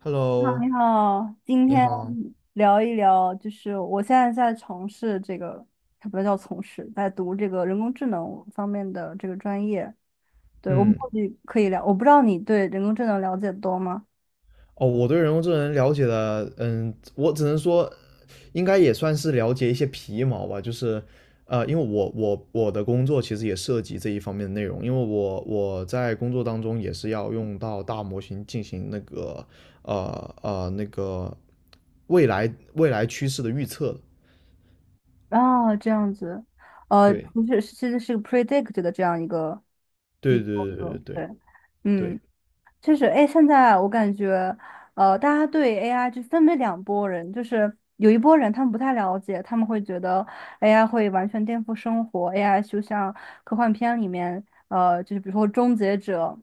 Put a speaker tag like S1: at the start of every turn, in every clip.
S1: Hello,
S2: 你好，今
S1: 你
S2: 天
S1: 好。
S2: 聊一聊，就是我现在在从事这个，它不叫从事，在读这个人工智能方面的这个专业。对，我们
S1: 嗯，
S2: 或许可以聊，我不知道你对人工智能了解得多吗？
S1: 哦，我对人工智能了解的，我只能说，应该也算是了解一些皮毛吧。因为我的工作其实也涉及这一方面的内容，因为我在工作当中也是要用到大模型进行呃那个未来未来趋势的预测的。
S2: 啊，这样子，不是，其实是 predict 的这样一个一
S1: 对对对
S2: 个，
S1: 对对对
S2: 对，嗯。
S1: 对，
S2: 就是哎，现在我感觉，大家对 AI 就分为两拨人，就是有一拨人他们不太了解，他们会觉得 AI 会完全颠覆生活，AI 就像科幻片里面，就是比如说终结者，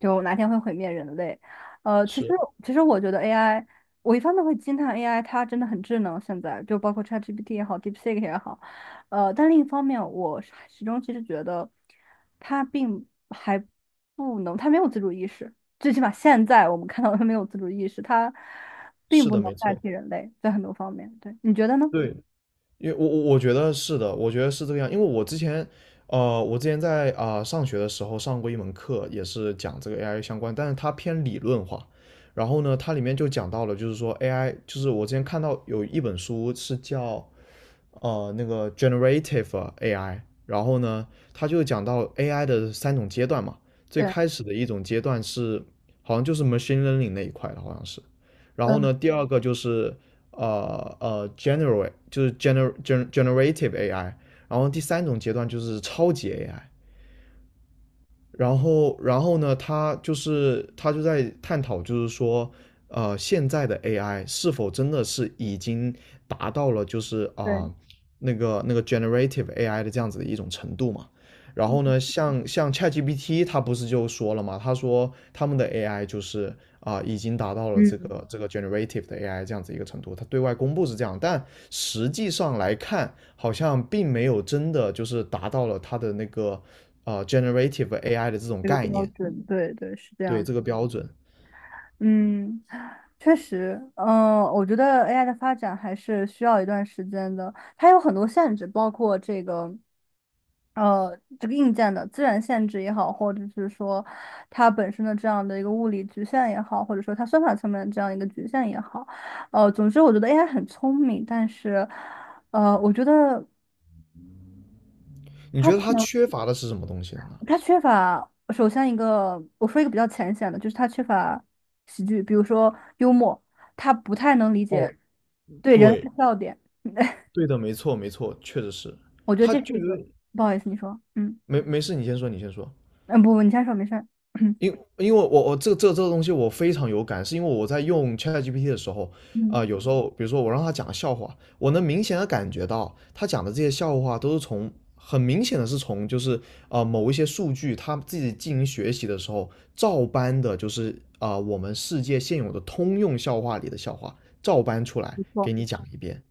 S2: 就哪天会毁灭人类。呃，其实
S1: 是
S2: 其实我觉得 AI，我一方面会惊叹 AI 它真的很智能，现在就包括 ChatGPT 也好，DeepSeek 也好，呃，但另一方面，我始终其实觉得它并还。不能，他没有自主意识，最起码现在我们看到他没有自主意识，他并
S1: 是
S2: 不
S1: 的，
S2: 能
S1: 没
S2: 代
S1: 错。
S2: 替人类在很多方面。对，你觉得呢？
S1: 对。因为我觉得是的，我觉得是这个样。因为我之前，我之前在上学的时候上过一门课，也是讲这个 AI 相关，但是它偏理论化。然后呢，它里面就讲到了，就是说 AI,就是我之前看到有一本书是叫那个 generative AI。然后呢，它就讲到 AI 的三种阶段嘛，最
S2: 对，
S1: 开始的一种阶段是好像就是 machine learning 那一块的，好像是。然后
S2: 嗯，
S1: 呢，第二个就是generate 就是 generative AI,然后第三种阶段就是超级 AI。然后呢，他就在探讨，现在的 AI 是否真的是已经达到了就是
S2: 对，
S1: 那个 generative AI 的这样子的一种程度嘛？然后呢，像 ChatGPT,他不是就说了嘛，他说他们的 AI 就是已经达到了这
S2: 嗯，
S1: 个这个 generative 的 AI 这样子一个程度，他对外公布是这样，但实际上来看，好像并没有真的就是达到了它的那个generative AI 的这种
S2: 这个
S1: 概
S2: 标
S1: 念，
S2: 准，对对，是这
S1: 对
S2: 样的。
S1: 这个标准。
S2: 嗯，确实，嗯、我觉得 AI 的发展还是需要一段时间的，它有很多限制，包括这个，这个硬件的自然限制也好，或者是说它本身的这样的一个物理局限也好，或者说它算法层面的这样一个局限也好，总之我觉得 AI 很聪明，但是，呃，我觉得。
S1: 你觉得它
S2: 能。
S1: 缺乏的是什么东西呢？
S2: 他缺乏，首先一个，我说一个比较浅显的，就是他缺乏喜剧，比如说幽默，他不太能理
S1: 哦，
S2: 解对人类
S1: 对。
S2: 的笑点。
S1: 对的，没错，没错，确实是。
S2: 我觉得
S1: 它
S2: 这是
S1: 就
S2: 一
S1: 有
S2: 个，
S1: 点。
S2: 不好意思，你说，嗯
S1: 没没事，你先说，你先说。
S2: 嗯，不不，你先说，没事儿，
S1: 因因为我这个东西我非常有感，是因为我在用 ChatGPT 的时候，
S2: 嗯，
S1: 有时候比如说我让他讲笑话，我能明显的感觉到他讲的这些笑话都是从很明显的是从就是某一些数据他自己进行学习的时候照搬的，就是我们世界现有的通用笑话里的笑话照搬出来
S2: 没错，
S1: 给你讲一遍。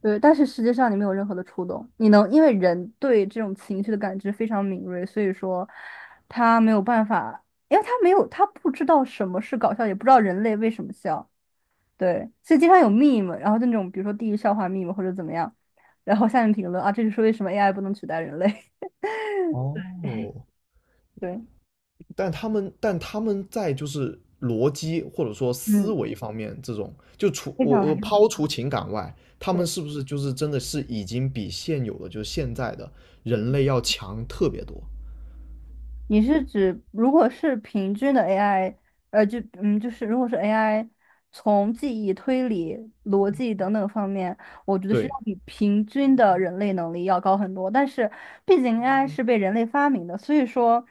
S2: 对，但是实际上你没有任何的触动，你能因为人对这种情绪的感知非常敏锐，所以说他没有办法，因为他没有，他不知道什么是搞笑，也不知道人类为什么笑。对，所以经常有 meme，然后就那种比如说地狱笑话 meme 或者怎么样，然后下面评论啊，这就是为什么 AI 不能取代人类。
S1: 哦，
S2: 对，
S1: 但他们在就是逻辑或者说思
S2: 嗯，
S1: 维方面，这种就除
S2: 非
S1: 我
S2: 常
S1: 我抛除情感外，他们
S2: 对。
S1: 是不是就是真的是已经比现有的就是现在的人类要强特别多？
S2: 你是指如果是平均的 AI，就是如果是 AI 从记忆、推理、逻辑等等方面，我觉得是要
S1: 对，
S2: 比平均的人类能力要高很多。但是，毕竟 AI 是被人类发明的，所以说，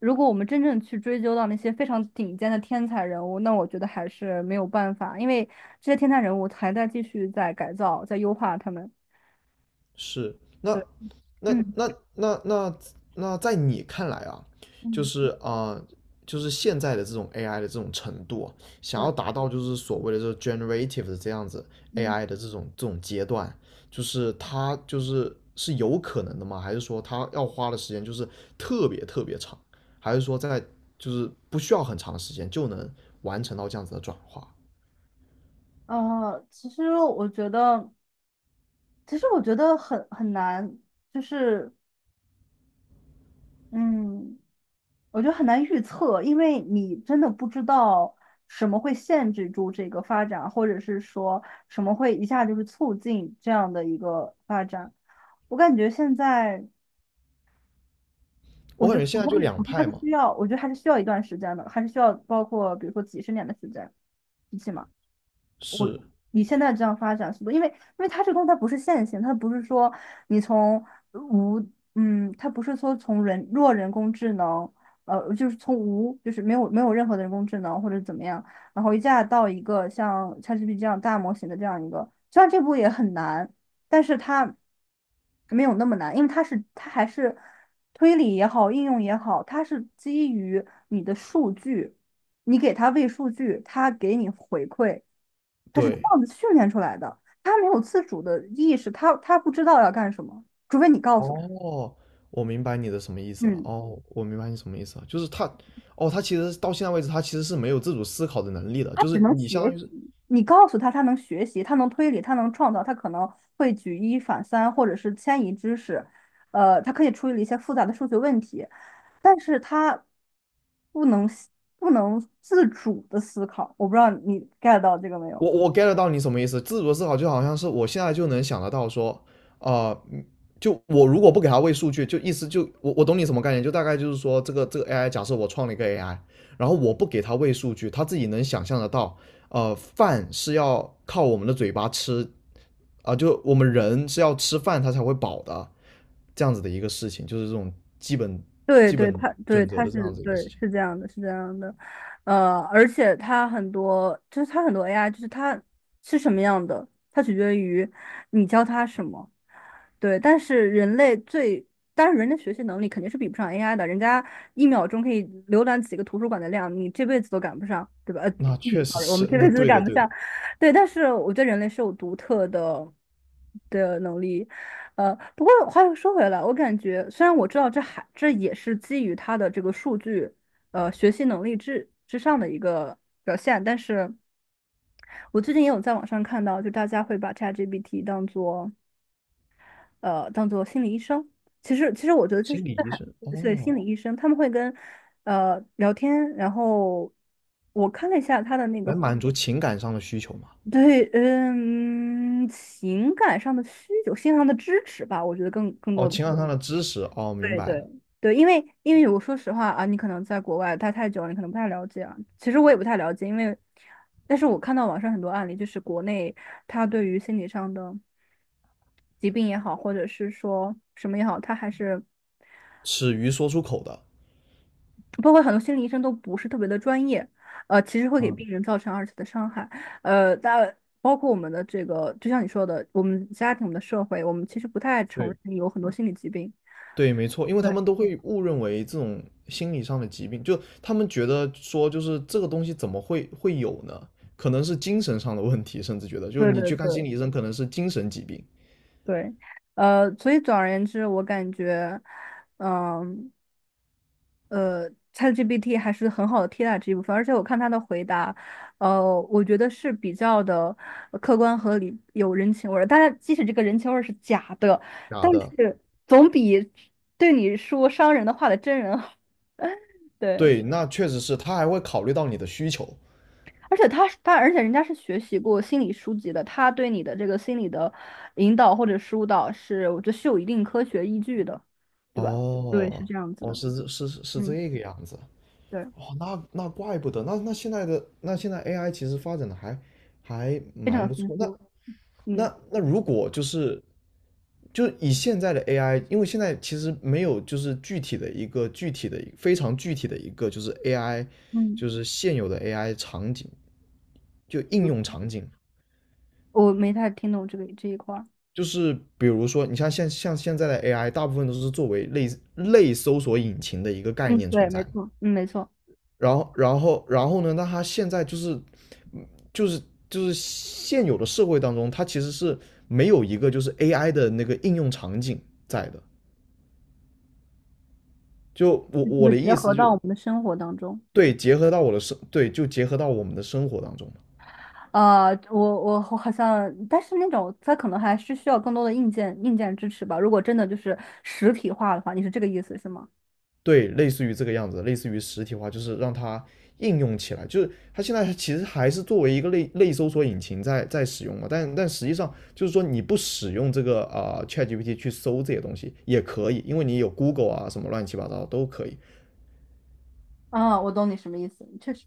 S2: 如果我们真正去追究到那些非常顶尖的天才人物，那我觉得还是没有办法，因为这些天才人物还在继续在改造、在优化他们。
S1: 是。那
S2: 对，
S1: 那
S2: 嗯
S1: 那那那那在你看来啊，就
S2: 嗯，
S1: 是就是现在的这种 AI 的这种程度啊，想要
S2: 对。
S1: 达到就是所谓的这 generative 的这样子
S2: 嗯，
S1: AI 的这种阶段，它就是是有可能的吗？还是说它要花的时间就是特别特别长？还是说在就是不需要很长的时间就能完成到这样子的转化？
S2: 其实我觉得。其实我觉得很难，就是嗯，我觉得很难预测，因为你真的不知道什么会限制住这个发展，或者是说什么会一下就是促进这样的一个发展。我感觉现在，
S1: 我感觉现在就两派嘛，
S2: 我觉得还是需要一段时间的，还是需要包括比如说几十年的时间，一起嘛。
S1: 是，
S2: 你现在这样发展速度，因为它这个东西它不是线性，它不是说你从无，嗯，它不是说从人弱人工智能，就是从无，就是没有任何的人工智能或者怎么样，然后一下到一个像 ChatGPT 这样大模型的这样一个，虽然这步也很难，但是它没有那么难，因为它是它还是推理也好，应用也好，它是基于你的数据，你给它喂数据，它给你回馈。他是这
S1: 对。
S2: 样子训练出来的，他没有自主的意识，他不知道要干什么，除非你告诉他。
S1: 哦，我明白你的什么意思了。
S2: 嗯，
S1: 哦，我明白你什么意思了，就是他，哦，他其实到现在为止，他其实是没有自主思考的能力的。
S2: 他
S1: 就
S2: 只
S1: 是
S2: 能
S1: 你相
S2: 学
S1: 当于是，
S2: 习，你告诉他，他能学习，他能推理，他能创造，他可能会举一反三，或者是迁移知识，他可以处理一些复杂的数学问题，但是他不能不能自主的思考。我不知道你 get 到这个没有？
S1: 我 get 到你什么意思。自主思考就好像是我现在就能想得到说，啊、嗯就我如果不给他喂数据，就意思就我懂你什么概念，就大概就是说这个 AI,假设我创了一个 AI,然后我不给他喂数据，他自己能想象得到，饭是要靠我们的嘴巴吃，啊，就我们人是要吃饭他才会饱的，这样子的一个事情，就是这种基本
S2: 对
S1: 基
S2: 对，
S1: 本
S2: 他对
S1: 准则
S2: 他
S1: 的这
S2: 是
S1: 样子一个
S2: 对
S1: 事情。
S2: 是这样的，是这样的，而且它很多就是它很多 AI，就是它是什么样的，它取决于你教它什么。对，但是人类最，但是人的学习能力肯定是比不上 AI 的，人家一秒钟可以浏览几个图书馆的量，你这辈子都赶不上，对吧？呃，
S1: 那
S2: 你
S1: 确实
S2: sorry，我们
S1: 是，
S2: 这
S1: 那
S2: 辈子都
S1: 对
S2: 赶
S1: 的
S2: 不
S1: 对的。
S2: 上。对，但是我觉得人类是有独特的能力。不过话又说回来，我感觉虽然我知道这还这也是基于它的这个数据，学习能力之上的一个表现，但是我最近也有在网上看到，就大家会把 ChatGPT 当做。呃当做心理医生。其实我觉得这是
S1: 心理
S2: 这
S1: 医
S2: 还
S1: 生
S2: 是心
S1: 哦，
S2: 理医生，他们会跟呃聊天，然后我看了一下他的那个
S1: 来满足情感上的需求嘛？
S2: 对嗯情感上的需求，心理上的支持吧，我觉得更
S1: 哦，
S2: 多的
S1: 情感
S2: 是
S1: 上的知识哦，明
S2: 对
S1: 白
S2: 对。
S1: 了，
S2: 对，因为我说实话啊，你可能在国外待太久了，你可能不太了解啊。其实我也不太了解，因为，但是我看到网上很多案例，就是国内他对于心理上的疾病也好，或者是说什么也好，他还是
S1: 耻于说出口的。
S2: 包括很多心理医生都不是特别的专业，其实会给
S1: 啊，
S2: 病人造成二次的伤害，呃，但包括我们的这个，就像你说的，我们家庭、我们的社会，我们其实不太承认
S1: 对，
S2: 你有很多心理疾病。
S1: 对，没错，因为他
S2: 对，
S1: 们都会误认为这种心理上的疾病，就他们觉得说，就是这个东西怎么会会有呢？可能是精神上的问题，甚至觉得，就是
S2: 对
S1: 你
S2: 对
S1: 去看心
S2: 对
S1: 理医生，可能是精神疾病。
S2: 对，所以总而言之，我感觉，嗯、ChatGPT 还是很好的替代这一部分，而且我看他的回答，我觉得是比较的呃客观合理，有人情味儿。但是即使这个人情味儿是假的，
S1: 假
S2: 但
S1: 的，
S2: 是总比对你说伤人的话的真人好。对，
S1: 对，那确实是，他还会考虑到你的需求。
S2: 而且人家是学习过心理书籍的，他对你的这个心理的引导或者疏导是，我觉得是有一定科学依据的，对吧？对，是
S1: 哦，
S2: 这样子
S1: 哦，
S2: 的。
S1: 是
S2: 嗯，
S1: 这个样子。
S2: 对，
S1: 哦，那那怪不得。那现在的现在 AI 其实发展的还还
S2: 非常
S1: 蛮
S2: 有
S1: 不
S2: 丰
S1: 错。那
S2: 富。嗯。
S1: 那那如果就是就以现在的 AI,因为现在其实没有就是具体的一个具体的非常具体的一个就是 AI,
S2: 嗯。
S1: 就是现有的 AI 场景就应用场景。
S2: 我没太听懂这个这一块儿。
S1: 就是比如说，你像现在的 AI,大部分都是作为类搜索引擎的一个概
S2: 嗯，
S1: 念
S2: 对，
S1: 存
S2: 没
S1: 在。
S2: 错，嗯，没错，
S1: 然后呢？那它现在就是，嗯就是就是现有的社会当中，它其实是没有一个就是 AI 的那个应用场景在的。就我
S2: 就
S1: 我
S2: 是
S1: 的
S2: 结
S1: 意思
S2: 合
S1: 就
S2: 到我们的生活当中。
S1: 对，结合到我的生对，就结合到我们的生活当中。
S2: 啊，我好像，但是那种它可能还是需要更多的硬件支持吧。如果真的就是实体化的话，你是这个意思是吗？
S1: 对，类似于这个样子，类似于实体化，就是让它应用起来。就是它现在其实还是作为一个类搜索引擎在使用嘛，但但实际上就是说你不使用这个ChatGPT 去搜这些东西也可以，因为你有 Google 啊什么乱七八糟都可以。
S2: 啊，我懂你什么意思，确实。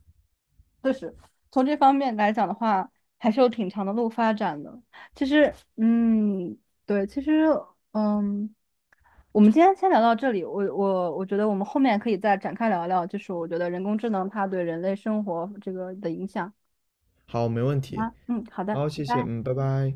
S2: 确实，从这方面来讲的话，还是有挺长的路发展的。其实，嗯，对，其实，嗯，我们今天先聊到这里。我觉得我们后面可以再展开聊一聊，就是我觉得人工智能它对人类生活这个的影响。
S1: 好，没问
S2: 好
S1: 题。
S2: 吗？嗯，好的，
S1: 好，
S2: 拜
S1: 谢谢，
S2: 拜。
S1: 嗯，拜拜。